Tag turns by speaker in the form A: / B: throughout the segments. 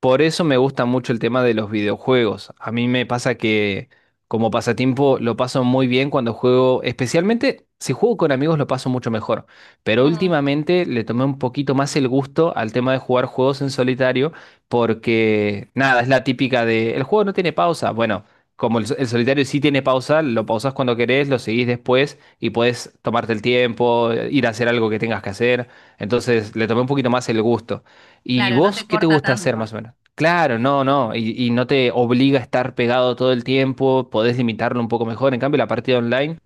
A: Por eso me gusta mucho el tema de los videojuegos. A mí me pasa que como pasatiempo lo paso muy bien cuando juego, especialmente si juego con amigos lo paso mucho mejor. Pero
B: Mm.
A: últimamente le tomé un poquito más el gusto al tema de jugar juegos en solitario porque nada, es la típica de el juego no tiene pausa. Bueno, como el solitario sí tiene pausa, lo pausas cuando querés, lo seguís después y puedes tomarte el tiempo, ir a hacer algo que tengas que hacer. Entonces le tomé un poquito más el gusto. ¿Y
B: Claro, no
A: vos
B: te
A: qué te
B: corta
A: gusta hacer
B: tanto
A: más o menos? Claro, no, no, y no te obliga a estar pegado todo el tiempo, podés limitarlo un poco mejor. En cambio, la partida online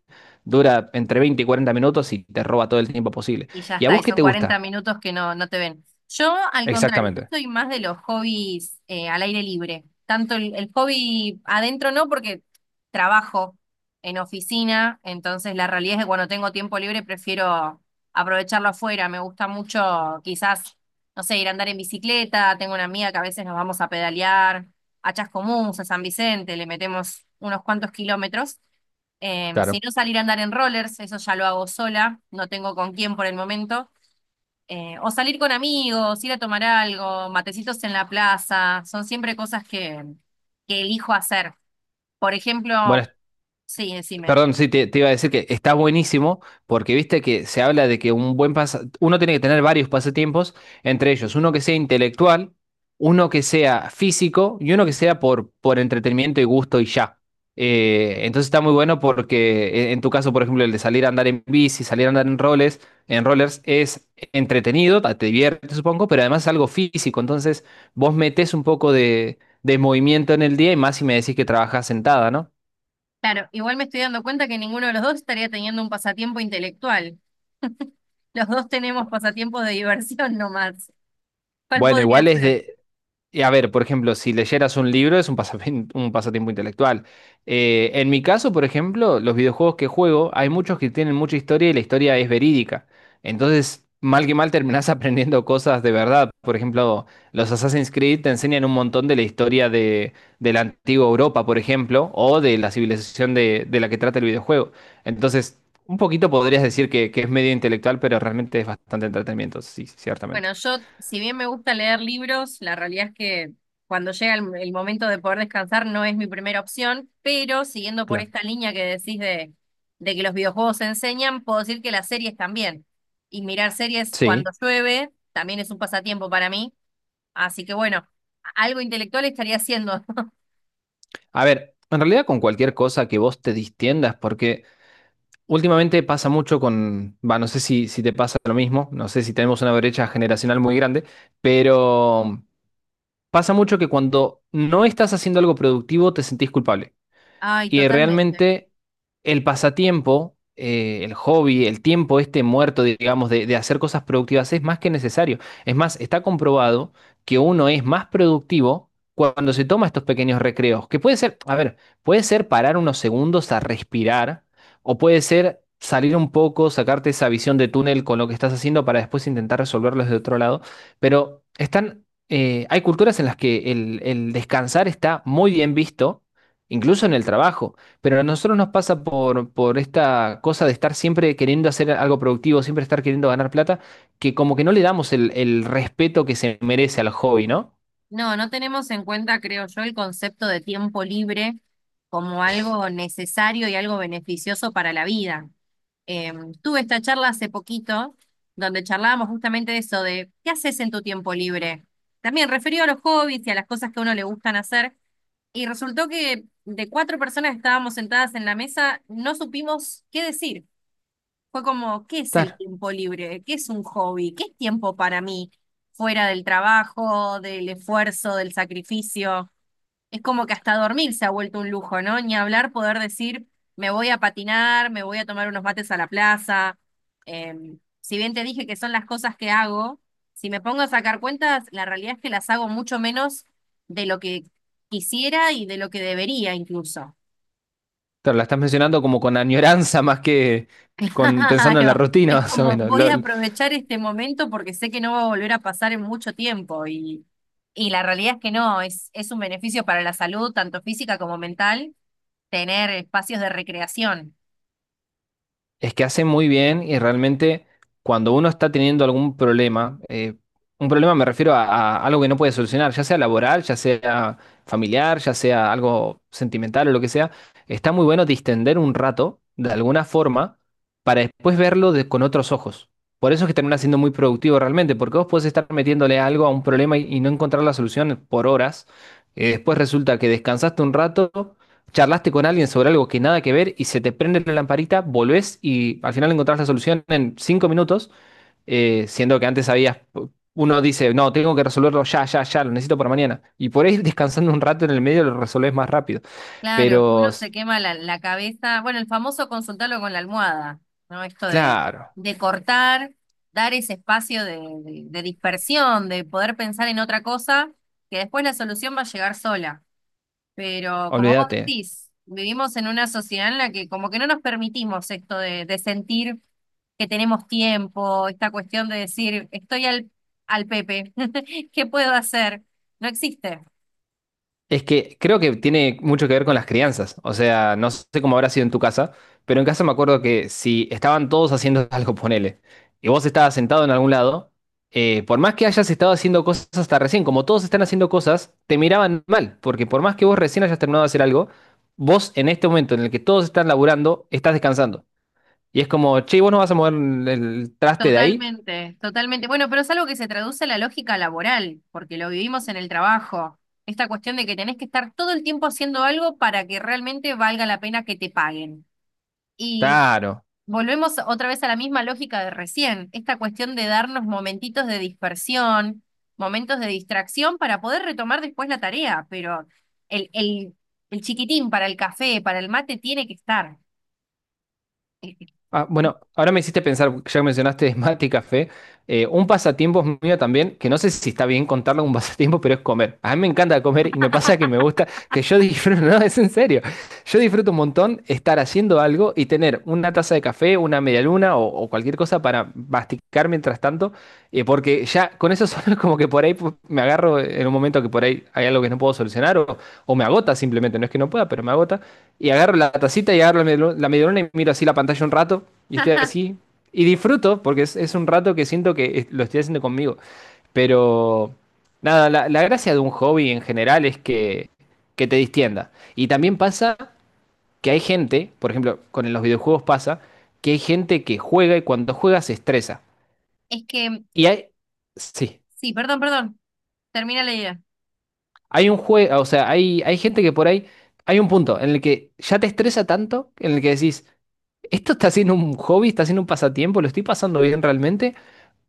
A: dura entre 20 y 40 minutos y te roba todo el tiempo posible.
B: y ya
A: ¿Y a
B: está, y
A: vos qué
B: son
A: te
B: 40
A: gusta?
B: minutos que no, no te ven. Yo, al contrario, yo
A: Exactamente.
B: soy más de los hobbies al aire libre. Tanto el hobby adentro no, porque trabajo en oficina, entonces la realidad es que cuando tengo tiempo libre prefiero aprovecharlo afuera. Me gusta mucho quizás, no sé, ir a andar en bicicleta. Tengo una amiga que a veces nos vamos a pedalear a Chascomús, a San Vicente, le metemos unos cuantos kilómetros. Si
A: Claro.
B: no, salir a andar en rollers, eso ya lo hago sola, no tengo con quién por el momento. O salir con amigos, ir a tomar algo, matecitos en la plaza, son siempre cosas que elijo hacer. Por
A: Bueno,
B: ejemplo, sí, decime.
A: perdón, sí, te iba a decir que está buenísimo porque viste que se habla de que uno tiene que tener varios pasatiempos, entre ellos uno que sea intelectual, uno que sea físico y uno que sea por entretenimiento y gusto y ya. Entonces está muy bueno porque en tu caso, por ejemplo, el de salir a andar en bici, salir a andar en roles, en rollers es entretenido, te divierte, supongo, pero además es algo físico. Entonces vos metés un poco de movimiento en el día y más si me decís que trabajas sentada, ¿no?
B: Claro, igual me estoy dando cuenta que ninguno de los dos estaría teniendo un pasatiempo intelectual. Los dos tenemos pasatiempos de diversión nomás. ¿Cuál
A: Bueno,
B: podría
A: igual es
B: ser?
A: de... Y a ver, por ejemplo, si leyeras un libro es un pasatiempo intelectual. En mi caso, por ejemplo, los videojuegos que juego, hay muchos que tienen mucha historia y la historia es verídica. Entonces, mal que mal terminás aprendiendo cosas de verdad. Por ejemplo, los Assassin's Creed te enseñan un montón de la historia de la antigua Europa, por ejemplo, o de la civilización de la que trata el videojuego. Entonces, un poquito podrías decir que es medio intelectual, pero realmente es bastante entretenimiento, sí, ciertamente.
B: Bueno, yo, si bien me gusta leer libros, la realidad es que cuando llega el momento de poder descansar no es mi primera opción, pero siguiendo por
A: Claro.
B: esta línea que decís de que los videojuegos enseñan, puedo decir que las series también. Y mirar series cuando
A: Sí.
B: llueve también es un pasatiempo para mí. Así que bueno, algo intelectual estaría haciendo.
A: A ver, en realidad con cualquier cosa que vos te distiendas, porque últimamente pasa mucho con, va, no sé si te pasa lo mismo, no sé si tenemos una brecha generacional muy grande, pero pasa mucho que cuando no estás haciendo algo productivo te sentís culpable.
B: Ay,
A: Y
B: totalmente.
A: realmente el pasatiempo, el hobby, el tiempo este muerto, digamos, de hacer cosas productivas es más que necesario. Es más, está comprobado que uno es más productivo cuando se toma estos pequeños recreos, que puede ser, a ver, puede ser parar unos segundos a respirar, o puede ser salir un poco, sacarte esa visión de túnel con lo que estás haciendo para después intentar resolverlo desde otro lado, pero están... hay culturas en las que el descansar está muy bien visto incluso en el trabajo. Pero a nosotros nos pasa por esta cosa de estar siempre queriendo hacer algo productivo, siempre estar queriendo ganar plata, que como que no le damos el respeto que se merece al hobby, ¿no?
B: No, no tenemos en cuenta, creo yo, el concepto de tiempo libre como algo necesario y algo beneficioso para la vida. Eh, Tuve esta charla hace poquito, donde charlábamos justamente de eso, de qué haces en tu tiempo libre. También referido a los hobbies y a las cosas que a uno le gustan hacer. Y resultó que de cuatro personas que estábamos sentadas en la mesa, no supimos qué decir. Fue como, ¿qué es el
A: Claro,
B: tiempo libre? ¿Qué es un hobby? ¿Qué es tiempo para mí? Fuera del trabajo, del esfuerzo, del sacrificio. Es como que hasta dormir se ha vuelto un lujo, ¿no? Ni hablar poder decir, me voy a patinar, me voy a tomar unos mates a la plaza. Si bien te dije que son las cosas que hago, si me pongo a sacar cuentas, la realidad es que las hago mucho menos de lo que quisiera y de lo que debería incluso.
A: claro, la estás mencionando como con añoranza más que con pensando en la
B: Claro,
A: rutina,
B: es
A: más o
B: como
A: menos.
B: voy
A: Lo,
B: a aprovechar este momento porque sé que no va a volver a pasar en mucho tiempo y la realidad es que no, es un beneficio para la salud, tanto física como mental, tener espacios de recreación.
A: es que hace muy bien y realmente cuando uno está teniendo algún problema, un problema me refiero a algo que no puede solucionar, ya sea laboral, ya sea familiar, ya sea algo sentimental o lo que sea, está muy bueno distender un rato de alguna forma para después verlo con otros ojos. Por eso es que termina siendo muy productivo realmente, porque vos podés estar metiéndole algo a un problema y no encontrar la solución por horas. Después resulta que descansaste un rato, charlaste con alguien sobre algo que nada que ver y se te prende la lamparita, volvés y al final encontrás la solución en 5 minutos. Siendo que antes habías, uno dice, no, tengo que resolverlo ya, ya, ya, lo necesito para mañana. Y por ahí descansando un rato en el medio lo resolvés más rápido.
B: Claro, es que uno
A: Pero,
B: se quema la cabeza, bueno, el famoso consultarlo con la almohada, ¿no? Esto de,
A: claro,
B: de cortar, dar ese espacio de dispersión, de poder pensar en otra cosa, que después la solución va a llegar sola. Pero como vos
A: olvídate.
B: decís, vivimos en una sociedad en la que como que no nos permitimos esto de, sentir que tenemos tiempo, esta cuestión de decir, estoy al Pepe, ¿qué puedo hacer? No existe.
A: Es que creo que tiene mucho que ver con las crianzas. O sea, no sé cómo habrá sido en tu casa, pero en casa me acuerdo que si estaban todos haciendo algo, ponele, y vos estabas sentado en algún lado, por más que hayas estado haciendo cosas hasta recién, como todos están haciendo cosas, te miraban mal, porque por más que vos recién hayas terminado de hacer algo, vos en este momento en el que todos están laburando, estás descansando. Y es como, che, ¿vos no vas a mover el traste de ahí?
B: Totalmente, totalmente. Bueno, pero es algo que se traduce a la lógica laboral, porque lo vivimos en el trabajo. Esta cuestión de que tenés que estar todo el tiempo haciendo algo para que realmente valga la pena que te paguen. Y
A: Claro.
B: volvemos otra vez a la misma lógica de recién, esta cuestión de darnos momentitos de dispersión, momentos de distracción para poder retomar después la tarea, pero el, el chiquitín para el café, para el mate, tiene que estar.
A: Ah, bueno, ahora me hiciste pensar, ya que mencionaste mate y café, un pasatiempo mío también, que no sé si está bien contarlo como un pasatiempo, pero es comer. A mí me encanta comer y me pasa que me gusta, que yo disfruto, no, es en serio, yo disfruto un montón estar haciendo algo y tener una taza de café, una media luna o cualquier cosa para masticar mientras tanto, porque ya con eso solo es como que por ahí me agarro en un momento que por ahí hay algo que no puedo solucionar o me agota simplemente, no es que no pueda, pero me agota. Y agarro la tacita y agarro la medialuna y miro así la pantalla un rato y estoy así. Y disfruto porque es un rato que siento lo estoy haciendo conmigo. Pero nada, la gracia de un hobby en general es que te distienda. Y también pasa que hay gente, por ejemplo, con los videojuegos pasa, que hay gente que juega y cuando juega se estresa.
B: Es que,
A: Y hay, sí,
B: sí, perdón, perdón, termina la idea.
A: hay un juego, o sea, hay gente que por ahí, hay un punto en el que ya te estresa tanto, en el que decís: ¿Esto está siendo un hobby? ¿Está siendo un pasatiempo? ¿Lo estoy pasando bien realmente?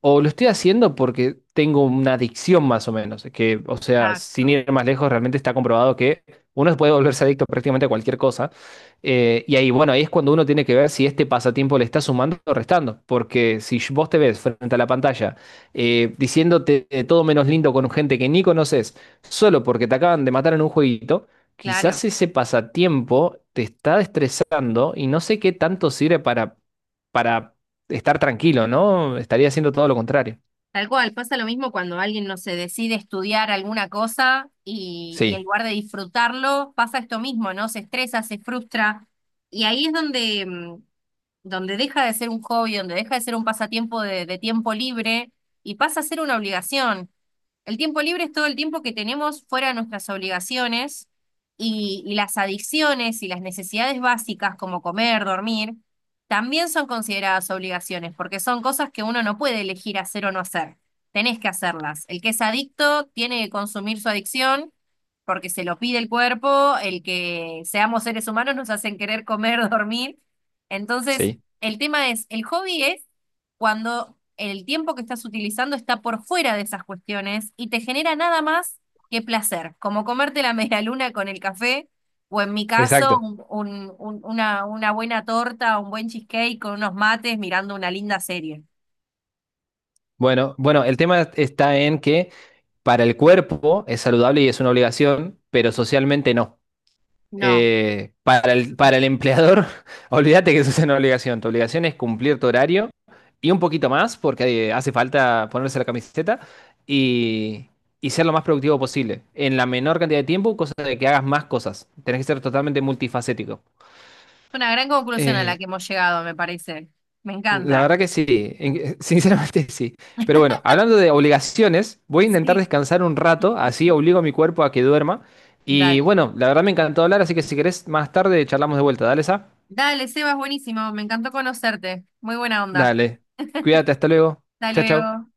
A: ¿O lo estoy haciendo porque tengo una adicción más o menos? Que, o sea, sin
B: Exacto,
A: ir más lejos, realmente está comprobado que uno puede volverse adicto prácticamente a cualquier cosa. Y ahí, bueno, ahí es cuando uno tiene que ver si este pasatiempo le está sumando o restando, porque si vos te ves frente a la pantalla diciéndote de todo menos lindo con gente que ni conoces, solo porque te acaban de matar en un jueguito, quizás
B: claro.
A: ese pasatiempo te está estresando y no sé qué tanto sirve para estar tranquilo, ¿no? Estaría haciendo todo lo contrario.
B: Tal cual, pasa lo mismo cuando alguien no se decide estudiar alguna cosa y en
A: Sí,
B: lugar de disfrutarlo, pasa esto mismo, ¿no? Se estresa, se frustra. Y ahí es donde donde deja de ser un hobby, donde deja de ser un pasatiempo de tiempo libre y pasa a ser una obligación. El tiempo libre es todo el tiempo que tenemos fuera de nuestras obligaciones y las adicciones y las necesidades básicas como comer, dormir, también son consideradas obligaciones porque son cosas que uno no puede elegir hacer o no hacer. Tenés que hacerlas. El que es adicto tiene que consumir su adicción porque se lo pide el cuerpo, el que seamos seres humanos nos hacen querer comer, dormir. Entonces,
A: sí,
B: el tema es, el hobby es cuando el tiempo que estás utilizando está por fuera de esas cuestiones y te genera nada más que placer, como comerte la medialuna con el café, o en mi caso,
A: exacto.
B: una buena torta, un buen cheesecake con unos mates mirando una linda serie.
A: Bueno, bueno, el tema está en que para el cuerpo es saludable y es una obligación, pero socialmente no.
B: No,
A: Para el,
B: es
A: para el empleador, olvídate que eso es una obligación. Tu obligación es cumplir tu horario y un poquito más, porque hace falta ponerse la camiseta y, y ser lo más productivo posible. En la menor cantidad de tiempo, cosa de que hagas más cosas. Tenés que ser totalmente multifacético.
B: una gran conclusión a la
A: Eh,
B: que hemos llegado, me parece. Me
A: La
B: encanta.
A: verdad que sí, sinceramente sí. Pero bueno, hablando de obligaciones, voy a intentar
B: Sí.
A: descansar un rato, así obligo a mi cuerpo a que duerma. Y
B: Dale.
A: bueno, la verdad me encantó hablar, así que si querés más tarde charlamos de vuelta. Dale, Sa.
B: Dale, Seba, es buenísimo. Me encantó conocerte. Muy buena onda.
A: Dale. Cuídate, hasta luego.
B: Hasta
A: Chao, chao.
B: luego.